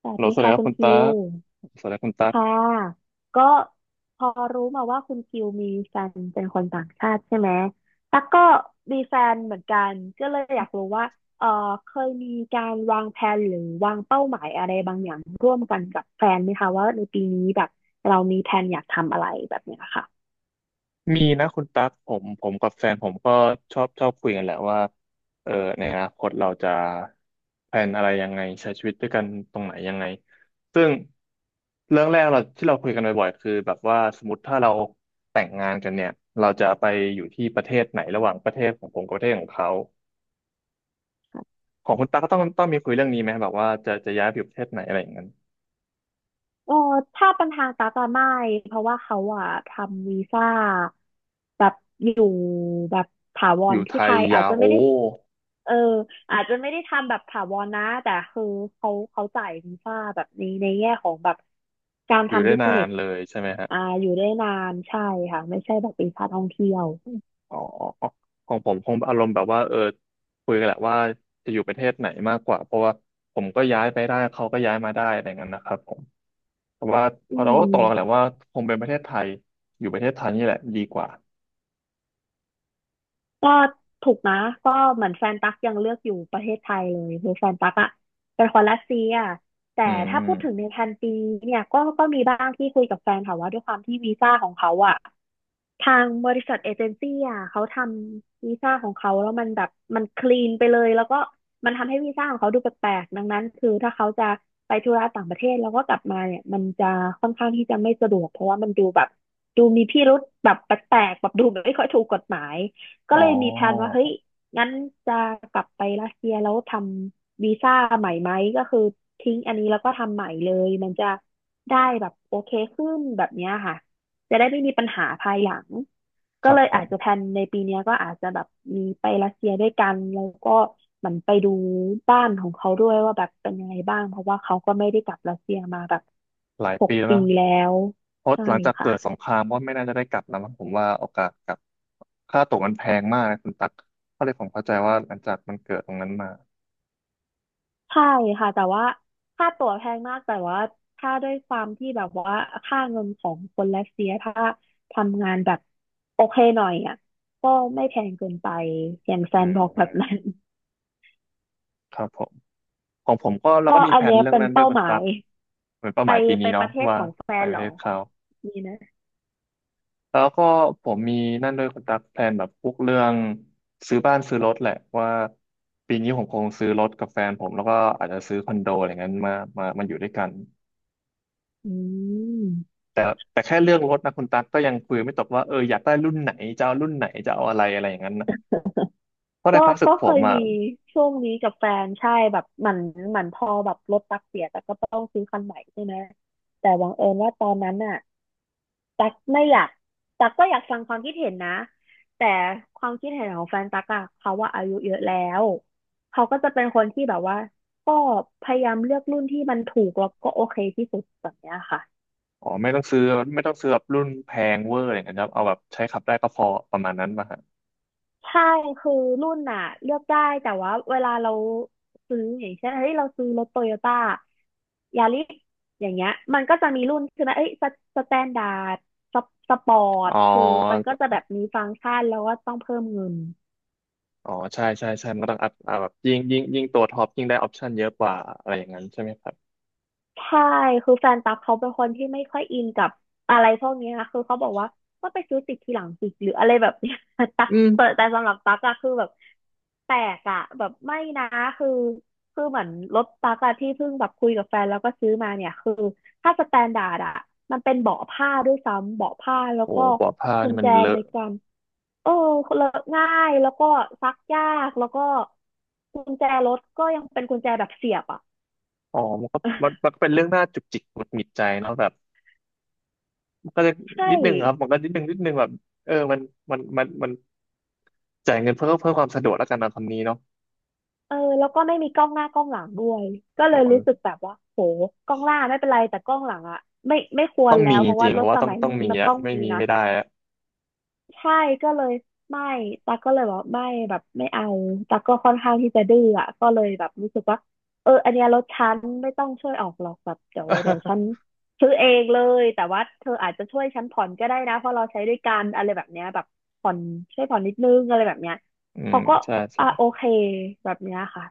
สวัฮัลสโหลดีสวัสดีค่ะครับคุณคุณตั๊คิวกสวัสดีคุณตั๊กค่ะก็พอรู้มาว่าคุณคิวมีแฟนเป็นคนต่างชาติใช่ไหมตั๊กก็มีแฟนเหมือนกันก็เลยอยากรู้ว่าเออเคยมีการวางแผนหรือวางเป้าหมายอะไรบางอย่างร่วมกันกับแฟนไหมคะว่าในปีนี้แบบเรามีแผนอยากทำอะไรแบบเนี้ยค่ะมีนะคุณตั๊กผมกับแฟนผมก็ชอบคุยกันแหละว่าเออในอนาคตเราจะแพลนอะไรยังไงใช้ชีวิตด้วยกันตรงไหนยังไงซึ่งเรื่องแรกเราที่เราคุยกันบ่อยๆคือแบบว่าสมมติถ้าเราแต่งงานกันเนี่ยเราจะไปอยู่ที่ประเทศไหนระหว่างประเทศของผมกับประเทศของเขาของคุณตั๊กก็ต้องมีคุยเรื่องนี้ไหมแบบว่าจะย้ายไปอยู่ประเทศไหนอะไรอย่างนั้นเออถ้าเป็นทางตา๊กะไม่เพราะว่าเขาอะทำวีซ่าแบบอยู่แบบถาวอรยู่ไทที่ไทยยยาอาจวจะโอ้ไม่ได้ เอออาจจะไม่ได้ทำแบบถาวรนะแต่คือเขาจ่ายวีซ่าแบบนี้ในแง่ของแบบการอยู่ทำได้บิสนาเนนสเลยใช่ไหมอ่าฮะ อยู่ได้นานใช่ค่ะไม่ใช่แบบวีซ่าท่องเที่ยวอ๋อของผมคงอารมณ์แบบว่าคุยกันแหละว่าจะอยู่ประเทศไหนมากกว่าเพราะว่าผมก็ย้ายไปได้เขาก็ย้ายมาได้อะไรเงี้ยนะครับผมแต่ว่าพอือเราก็ตกลงกันแหละมว่าคงเป็นประเทศไทยอยู่ประเทศไทยนี่แหละดีกว่าก็ถูกนะก็เหมือนแฟนตั๊กยังเลือกอยู่ประเทศไทยเลยคือแฟนตั๊กอะเป็นคนรัสเซียแต่อืมถ้าอืพูมดถึงในพันปีเนี่ยก็มีบ้างที่คุยกับแฟนค่ะว่าด้วยความที่วีซ่าของเขาอะ ทางบริษัทเอเจนซี่อ่ะเขาทำวีซ่าของเขาแล้วมันแบบมันคลีนไปเลยแล้วก็มันทำให้วีซ่าของเขาดูแปลกๆดังนั้นคือถ้าเขาจะไปธุระต่างประเทศแล้วก็กลับมาเนี่ยมันจะค่อนข้างที่จะไม่สะดวกเพราะว่ามันดูแบบดูมีพิรุธแบบแปลกๆแบบดูไม่ค่อยถูกกฎหมายก็อ๋อเลยมีแผนว่าเฮ้ยงั้นจะกลับไปรัสเซียแล้วทำวีซ่าใหม่ไหมก็คือทิ้งอันนี้แล้วก็ทำใหม่เลยมันจะได้แบบโอเคขึ้นแบบเนี้ยค่ะ จะได้ไม่มีปัญหาภายหลัง คก็รับเลยผอาจจะแพมลนในปีเนี้ยก็อาจจะแบบมีไปรัสเซียด้วยกันแล้วก็เหมือนไปดูบ้านของเขาด้วยว่าแบบเป็นยังไงบ้างเพราะว่าเขาก็ไม่ได้กลับรัสเซียมาแบบหลายหกปีแล้วปีนะแล้วเพราะใช่หลังจากค่ะเกิดสงครามก็ไม่น่าจะได้กลับแล้วมั้งผมว่าโอกาสกลับค่าตั๋วมันแพงมากนะคุณตักก็เลยผมเข้าใจว่าหลังจากมันเกิดตรงนั้นมาใช่ค่ะแต่ว่าค่าตั๋วแพงมากแต่ว่าถ้าด้วยความที่แบบว่าค่าเงินของคนรัสเซียถ้าทำงานแบบโอเคหน่อยอ่ะก็ไม่แพงเกินไปอย่างแซอืนมบอกอืแบบมนั้นครับผม ของผมก็เราก็ก็มีอัแผนนเนี้ยเรื่องเป็นนั้นด้วยเป้าคุณหมาตั๊ย กเหมือนเป้าไปหมายปีไปนี้ปเนาะระเทศว่าของแฟไปนปเหระรอ เทศเขามีนะแล้วก็ผมมีนั่นด้วยคุณตั๊กแผนแบบพวกเรื่องซื้อบ้านซื้อรถแหละว่าปีนี้ผมคงซื้อรถกับแฟนผมแล้วก็อาจจะซื้อคอนโดอะไรเงี้ยมาอยู่ด้วยกันอืมแต่แต่แค่เรื่องรถนะคุณตั๊กก็ยังคุยไม่ตกว่าอยากได้รุ่นไหนจะเอารุ่นไหนจะเอาอะไรอะไรอย่างนั้นนะเพราะในก็ความรู้สึกก็ผเคมยอ่ะมีช่วงนี้กับแฟนใช่แบบเหมือนพอแบบรถตักเสียแต่ก็ต้องซื้อคันใหม่ใช่ไหมแต่บังเอิญว่าตอนนั้นน่ะตักไม่อยากตักก็อยากฟังความคิดเห็นนะแต่ความคิดเห็นของแฟนตักอะเขาว่าอายุเยอะแล้วเขาก็จะเป็นคนที่แบบว่าก็พยายามเลือกรุ่นที่มันถูกแล้วก็โอเคที่สุดแบบเนี้ยค่ะ อ๋อไม่ต้องซื้อแบบรุ่นแพงเวอร์อะไรอย่างเงี้ยครับเอาแบบใช้ขับได้ก็พอประมาณนั้นมาฮะใช่คือรุ่นน่ะเลือกได้แต่ว่าเวลาเราซื้ออย่างเช่นเฮ้ยเราซื้อรถโตโยต้ายาริสอย่างเงี้ยมันก็จะมีรุ่นใช่ไหมเอ้ยสสแตนดาร์ดสปอร์อ๋ตอ คือมันก็จะแบบมีฟังก์ชันแล้วก็ต้องเพิ่มเงิน อ๋อใช่ใช่ใช่มันก็ต้องอัพแบบยิ่งตัวท็อปยิ่งได้ออปชันเยอะกว่าอะไรอย่างนั้นใช่ไหมครับใช่คือแฟนตั๊กเขาเป็นคนที่ไม่ค่อยอินกับอะไรพวกเนี้ยคือเขาบอกว่าก็ไปซื้อติดทีหลังสิหรืออะไรแบบเนี้ย ตั๊กอืแต่มแต่สำหรับตั๊กอะคือแบบแปลกอะแบบไม่นะคือคือเหมือนรถตั๊กอะที่เพิ่งแบบคุยกับแฟนแล้วก็ซื้อมาเนี่ยคือถ้าสแตนดาร์ดอะมันเป็นเบาะผ้าด้วยซ้ำเบาะผ้าแล้วโอ้ก็ปอผ้ากุนี่ญมัแจนเลในอะการเออเลอะง่ายแล้วก็ซักยากแล้วก็กุญแจรถก็ยังเป็นกุญแจแบบเสียบอ่ะ อ๋อมันก็เป็นเรื่องน่าจุกจิกหงุดหงิดใจเนาะแบบมันก็จะ ใช่ นิดนึงครับมันก็นิดนึงแบบเออมันมันมันจ่ายเงินเพื่อความสะดวกแล้วกันนะคำนี้เนาะเออแล้วก็ไม่มีกล้องหน้ากล้องหลังด้วยก็โอเลยรู้สึก้แบบว่าโหกล้องหน้าไม่เป็นไรแต่กล้องหลังอะไม่ควต้รองแล้มีวจเพราะว่าริงๆรเพถราะว่าสต้องมัยต้องนี้มีมันอะต้องไม่มีมีนะไม่ได้อะ ใช่ก็เลยไม่ตาก็เลยบอกไม่แบบไม่เอาตาก็ค่อนข้างที่จะดื้ออะก็เลยแบบรู้สึกว่าเอออันเนี้ยรถฉันไม่ต้องช่วยออกหรอกแบบเดี๋ยวฉัน ซื้อเองเลยแต่ว่าเธออาจจะช่วยฉันผ่อนก็ได้นะเพราะเราใช้ด้วยกันอะไรแบบเนี้ยแบบผ่อนช่วยผ่อนนิดนึงอะไรแบบเนี้ยอืมเขาก็ใช่ใช่ อ่ะโอเคแบบเนี้ยค่ะ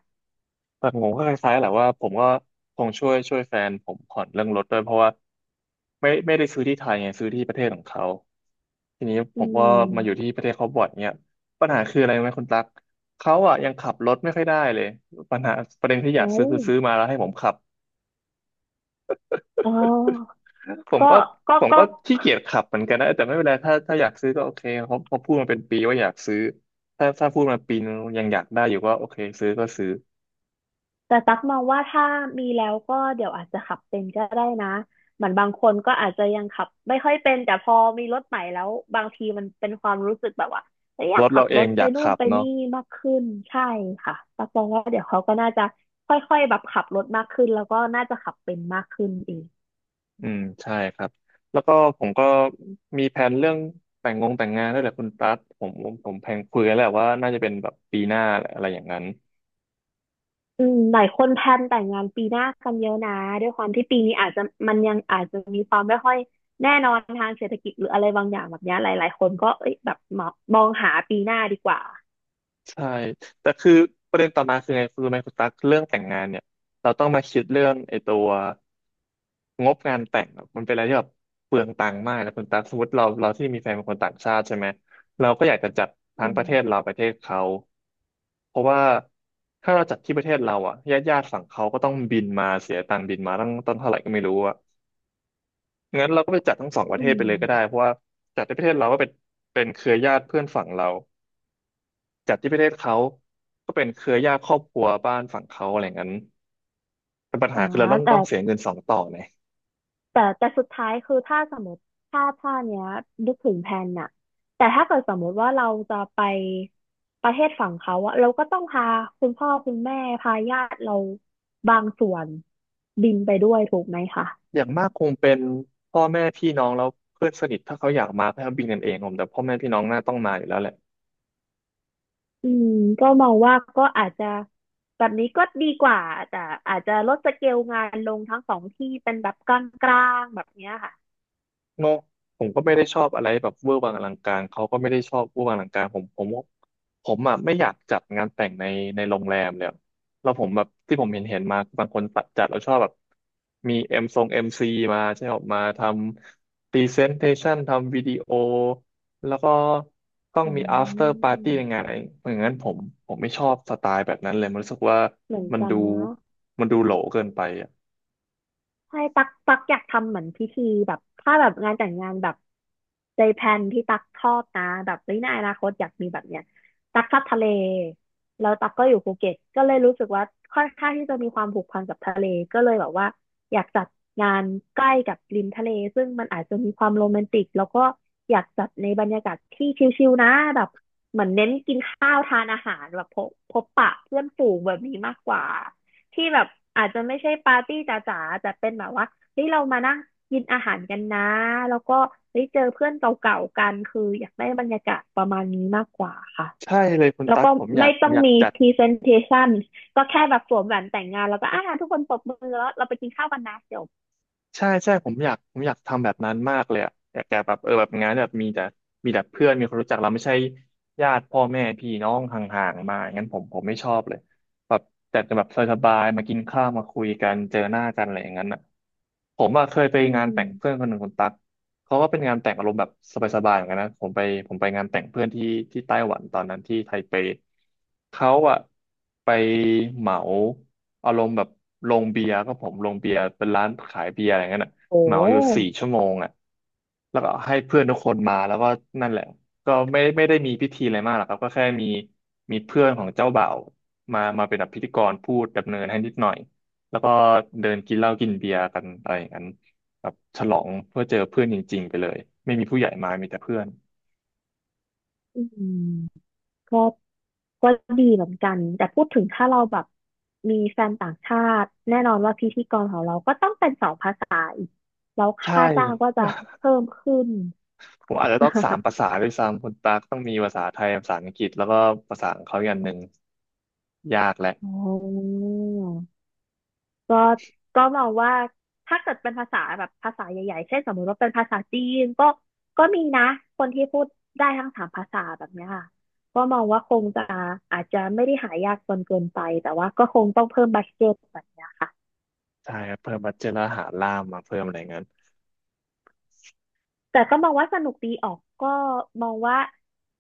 แต่ผมก็คล้ายๆแหละว่าผมก็คงช่วยแฟนผมผ่อนเรื่องรถด้วยเพราะว่าไม่ได้ซื้อที่ไทยไงซื้อที่ประเทศของเขาทีนี้ผอืมก็มาอยู่มที่ประเทศเขาบ่อยเนี่ยปัญหาคืออะไรรู้ไหมคุณตั๊กเขาอ่ะยังขับรถไม่ค่อยได้เลยปัญหาประเด็นที่อยาเอากซื้อคือซื้อมาแล้วให้ผมขับอ๋อผมก็ก็ก็ผมก็ก็ขี้เกียจขับเหมือนกันนะแต่ไม่เป็นไรถ้าอยากซื้อก็โอเคเขาพูดมาเป็นปีว่าอยากซื้อถ้าพูดมาปีนึงยังอยากได้อยู่ก็โอเคซื้อก็ซื้อแต่ตักมองว่าถ้ามีแล้วก็เดี๋ยวอาจจะขับเป็นก็ได้นะเหมือนบางคนก็อาจจะยังขับไม่ค่อยเป็นแต่พอมีรถใหม่แล้วบางทีมันเป็นความรู้สึกแบบว่าเอ้ยอรยากถขัเราบเอรงถอไปยากนู่นขับไปเนาะ นี่มากขึ้นใช่ค่ะตักมองว่าเดี๋ยวเขาก็น่าจะค่อยๆแบบขับรถมากขึ้นแล้วก็น่าจะขับเป็นมากขึ้นเอง อืมใช่ครับแล้วก็ผมก็มีแผนเรื่องแต่งงานด้วยแหละคุณตั๊ดผมแพลนคุยกันแล้วแหละว่าน่าจะเป็นแบบปีหน้าแหละอะไรอย่างนั้นอืมหลายคนแพลนแต่งงานปีหน้ากันเยอะนะด้วยความที่ปีนี้อาจจะมันยังอาจจะมีความไม่ค่อยแน่นอนทางเศรษฐกิจหรืออะไรบางอย่างแบบเนี้ยหลายๆคนก็เอ้ยแบบมองหาปีหน้าดีกว่าใช่แต่คือประเด็นต่อมาคือไงคือไหมคุณตั๊กเรื่องแต่งงานเนี่ยเราต้องมาคิดเรื่องไอ้ตัว งบงานแต่งอะมันเป็นอะไรที่แบบเปลืองตังค์มากนะคุณตั๊กสมมติเราที่มีแฟนเป็นคนต่างชาติใช่ไหมเราก็อยากจะจัดทั้อืงปมระเทศเราประเทศเขาเพราะว่าถ้าเราจัดที่ประเทศเราอะญาติฝั่งเขาก็ต้องบินมาเสียตังค์บินมาตั้งต้นเท่าไหร่ก็ไม่รู้อะงั้นเราก็ไปจัดทั้งสองประอืเทศไปเลยก็ได้มเพราะว่าจัดที่ประเทศเราก็เป็นเครือญาติเพื่อนฝั่งเราจัดที่ประเทศเขาก็เป็นเครือญาติครอบครัวบ้านฝั่งเขาอะไรงั้นแต่ปัญหาอ่าคือเราต้องแต่ต้องเสียเงินสองต่อไง แต่สุดท้ายคือถ้าสมมติถ้าเนี้ยนึกถึงแผนน่ะแต่ถ้าเกิดสมมติว่าเราจะไปประเทศฝั่งเขาอะเราก็ต้องพาคุณพ่อคุณแม่พาญาติเราบางส่วนบินไปด้วยถูกไหมคะ อย่างมากคงเป็นพ่อแม่พี่น้องแล้วเพื่อนสนิทถ้าเขาอยากมาก็บินกันเองผมแต่พ่อแม่พี่น้องน่าต้องมาอยู่แล้วแหละ อืมก็มองว่าก็อาจจะแบบนี้ก็ดีกว่าแต่อาจจะลดสเกลงานลงทั้งสองที่เป็นแบบกลางๆแบบเนี้ยค่ะเนาะผมก็ไม่ได้ชอบอะไรแบบเวอร์วังอลังการเขาก็ไม่ได้ชอบเวอร์วังอลังการผมอ่ะไม่อยากจัดงานแต่งในโรงแรมเลยแล้วผมแบบที่ผมเห็นมาบางคนจัดแล้วชอบแบบมีเอ็มซีมาใช่ไหมออกมาทำพรีเซนเทชันทำวิดีโอแล้วก็ต้องอืมี after party ในงานมอะไรอย่างนั้นผมไม่ชอบสไตล์แบบนั้นเลยมันรู้สึกว่าเหมือนมันกันดูเนาะ มันดูโหลเกินไปอ่ะใช่ตักอยากทำเหมือนพิธีแบบถ้าแบบงานแต่งงานแบบใจแพลนที่ตักชอบนะแบบเฮ้ยในอนาคตอยากมีแบบเนี้ยตักชอบทะเลแล้วตักก็อยู่ภูเก็ตก็เลยรู้สึกว่าค่อนข้างที่จะมีความผูกพันกับทะเลก็เลยแบบว่าอยากจัดงานใกล้กับริมทะเลซึ่งมันอาจจะมีความโรแมนติกแล้วก็อยากจัดในบรรยากาศที่ชิลๆนะแบบเหมือนเน้นกินข้าวทานอาหารแบบพบปะเพื่อนฝูงแบบนี้มากกว่า ที่แบบอาจจะไม่ใช่ปาร์ตี้จ๋าๆแต่เป็นแบบว่าเฮ้ยเรามานั่งกินอาหารกันนะ แล้วก็เฮ้ยเจอเพื่อนเก่าๆกันคืออยากได้บรรยากาศประมาณนี้มากกว่าค่ะใช่เลยคุณแล้วตั๊กก็ผมอยาไม่กผต้มองอยากมี จัด presentation ก็แค่แบบสวมแหวนแต่งงานแล้วก็อ่าทุกคนปรบมือแล้วเราไปกินข้าวกันนะจบใช่ใช่ผมอยากทำแบบนั้นมากเลยอะอยากแต่แบบเออแบบงานแบบมีแต่เพื่อนมีคนรู้จักเราไม่ใช่ญาติพ่อแม่พี่น้องห่างๆมางั้นผมไม่ชอบเลย แบบแต่จะแบบสบายๆมากินข้าวมาคุยกันเจอหน้ากันอะไรอย่างนั้นอ่ะผมอ่ะเคยไปอืงานมแต่งเพื่อนคนหนึ่งคนตักเขาก็เป็นงานแต่งอารมณ์แบบสบายๆเหมือนกันนะผมไปงานแต่งเพื่อนที่ไต้หวันตอนนั้นที่ไทเปเขาอ่ะไปเหมาอารมณ์แบบโรงเบียร์ก็ผมโรงเบียร์เป็นร้านขายเบียร์อะไรอย่างนั้ยนอ่ะโอเหมาอยู่สี่้ชั่วโมงอ่ะแล้วก็ให้เพื่อนทุกคนมาแล้วก็นั่นแหละก็ไม่ได้มีพิธีอะไรมากหรอกครับก็แค่มีเพื่อนของเจ้าบ่าว มาเป็นแบบพิธีกรพูดดำเนินให้นิดหน่อย แล้วก็เดินกินเหล้ากินเบียร์กันอะไรอย่างนั้นแบบฉลองเพื่อเจอเพื่อนจริงๆไปเลยไม่มีผู้ใหญ่มา มีแต่เพื่อนอืม ก็ก็ดีเหมือนกัน แต่พูดถึงถ้าเราแบบมีแฟนต่างชาติแน่นอนว่าพิธีกรของเราก็ต้องเป็นสองภาษาอีกแล้วใช่ ค่าจ้างก็จะ เพิ่มขึ้น ผมอาจจะต้องสาม ภาษาด้วยซ้ำคุณตากต้องมีภาษาไทยภาษาอังกฤษแล้วก็ภาษาของเขาอีกอันหนึ่งยากแหละอ๋อก็ก็มองว่าถ้าเกิดเป็นภาษาแบบภาษาใหญ่ๆเช่นสมมติว่าเป็นภาษาจีนก็มีนะคนที่พูดได้ทั้งสามภาษาแบบเนี้ยค่ะก็มองว่าคงจะอาจจะไม่ได้หายากจนเกินไปแต่ว่าก็คงต้องเพิ่มบัดเจ็ตแบบเนี้ยค่ะ ใช่ครับเพิ่มบัดเจ็ตแล้วหาล่ามมาเพิ่มอะไรอย่างนั้นแต่ก็มองว่าสนุกดีออกก็มองว่า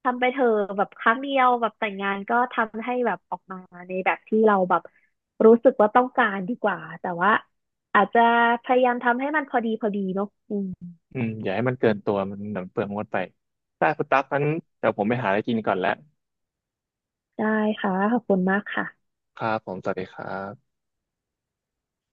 ทำไปเถอะแบบครั้งเดียวแบบแต่งงานก็ทำให้แบบออกมาในแบบที่เราแบบรู้สึกว่าต้องการดีกว่าแต่ว่าอาจจะพยายามทำให้มันพอดีเนาะอืมอืมอย่าให้มันเกินตัวมันหนังเปลืองงดไปได้คุณตั๊กงั้นเดี๋ยวผมไปหาอะไรกินก่อนแล้วได้ค่ะขอบคุณมากค่ะครับผมสวัสดีครับ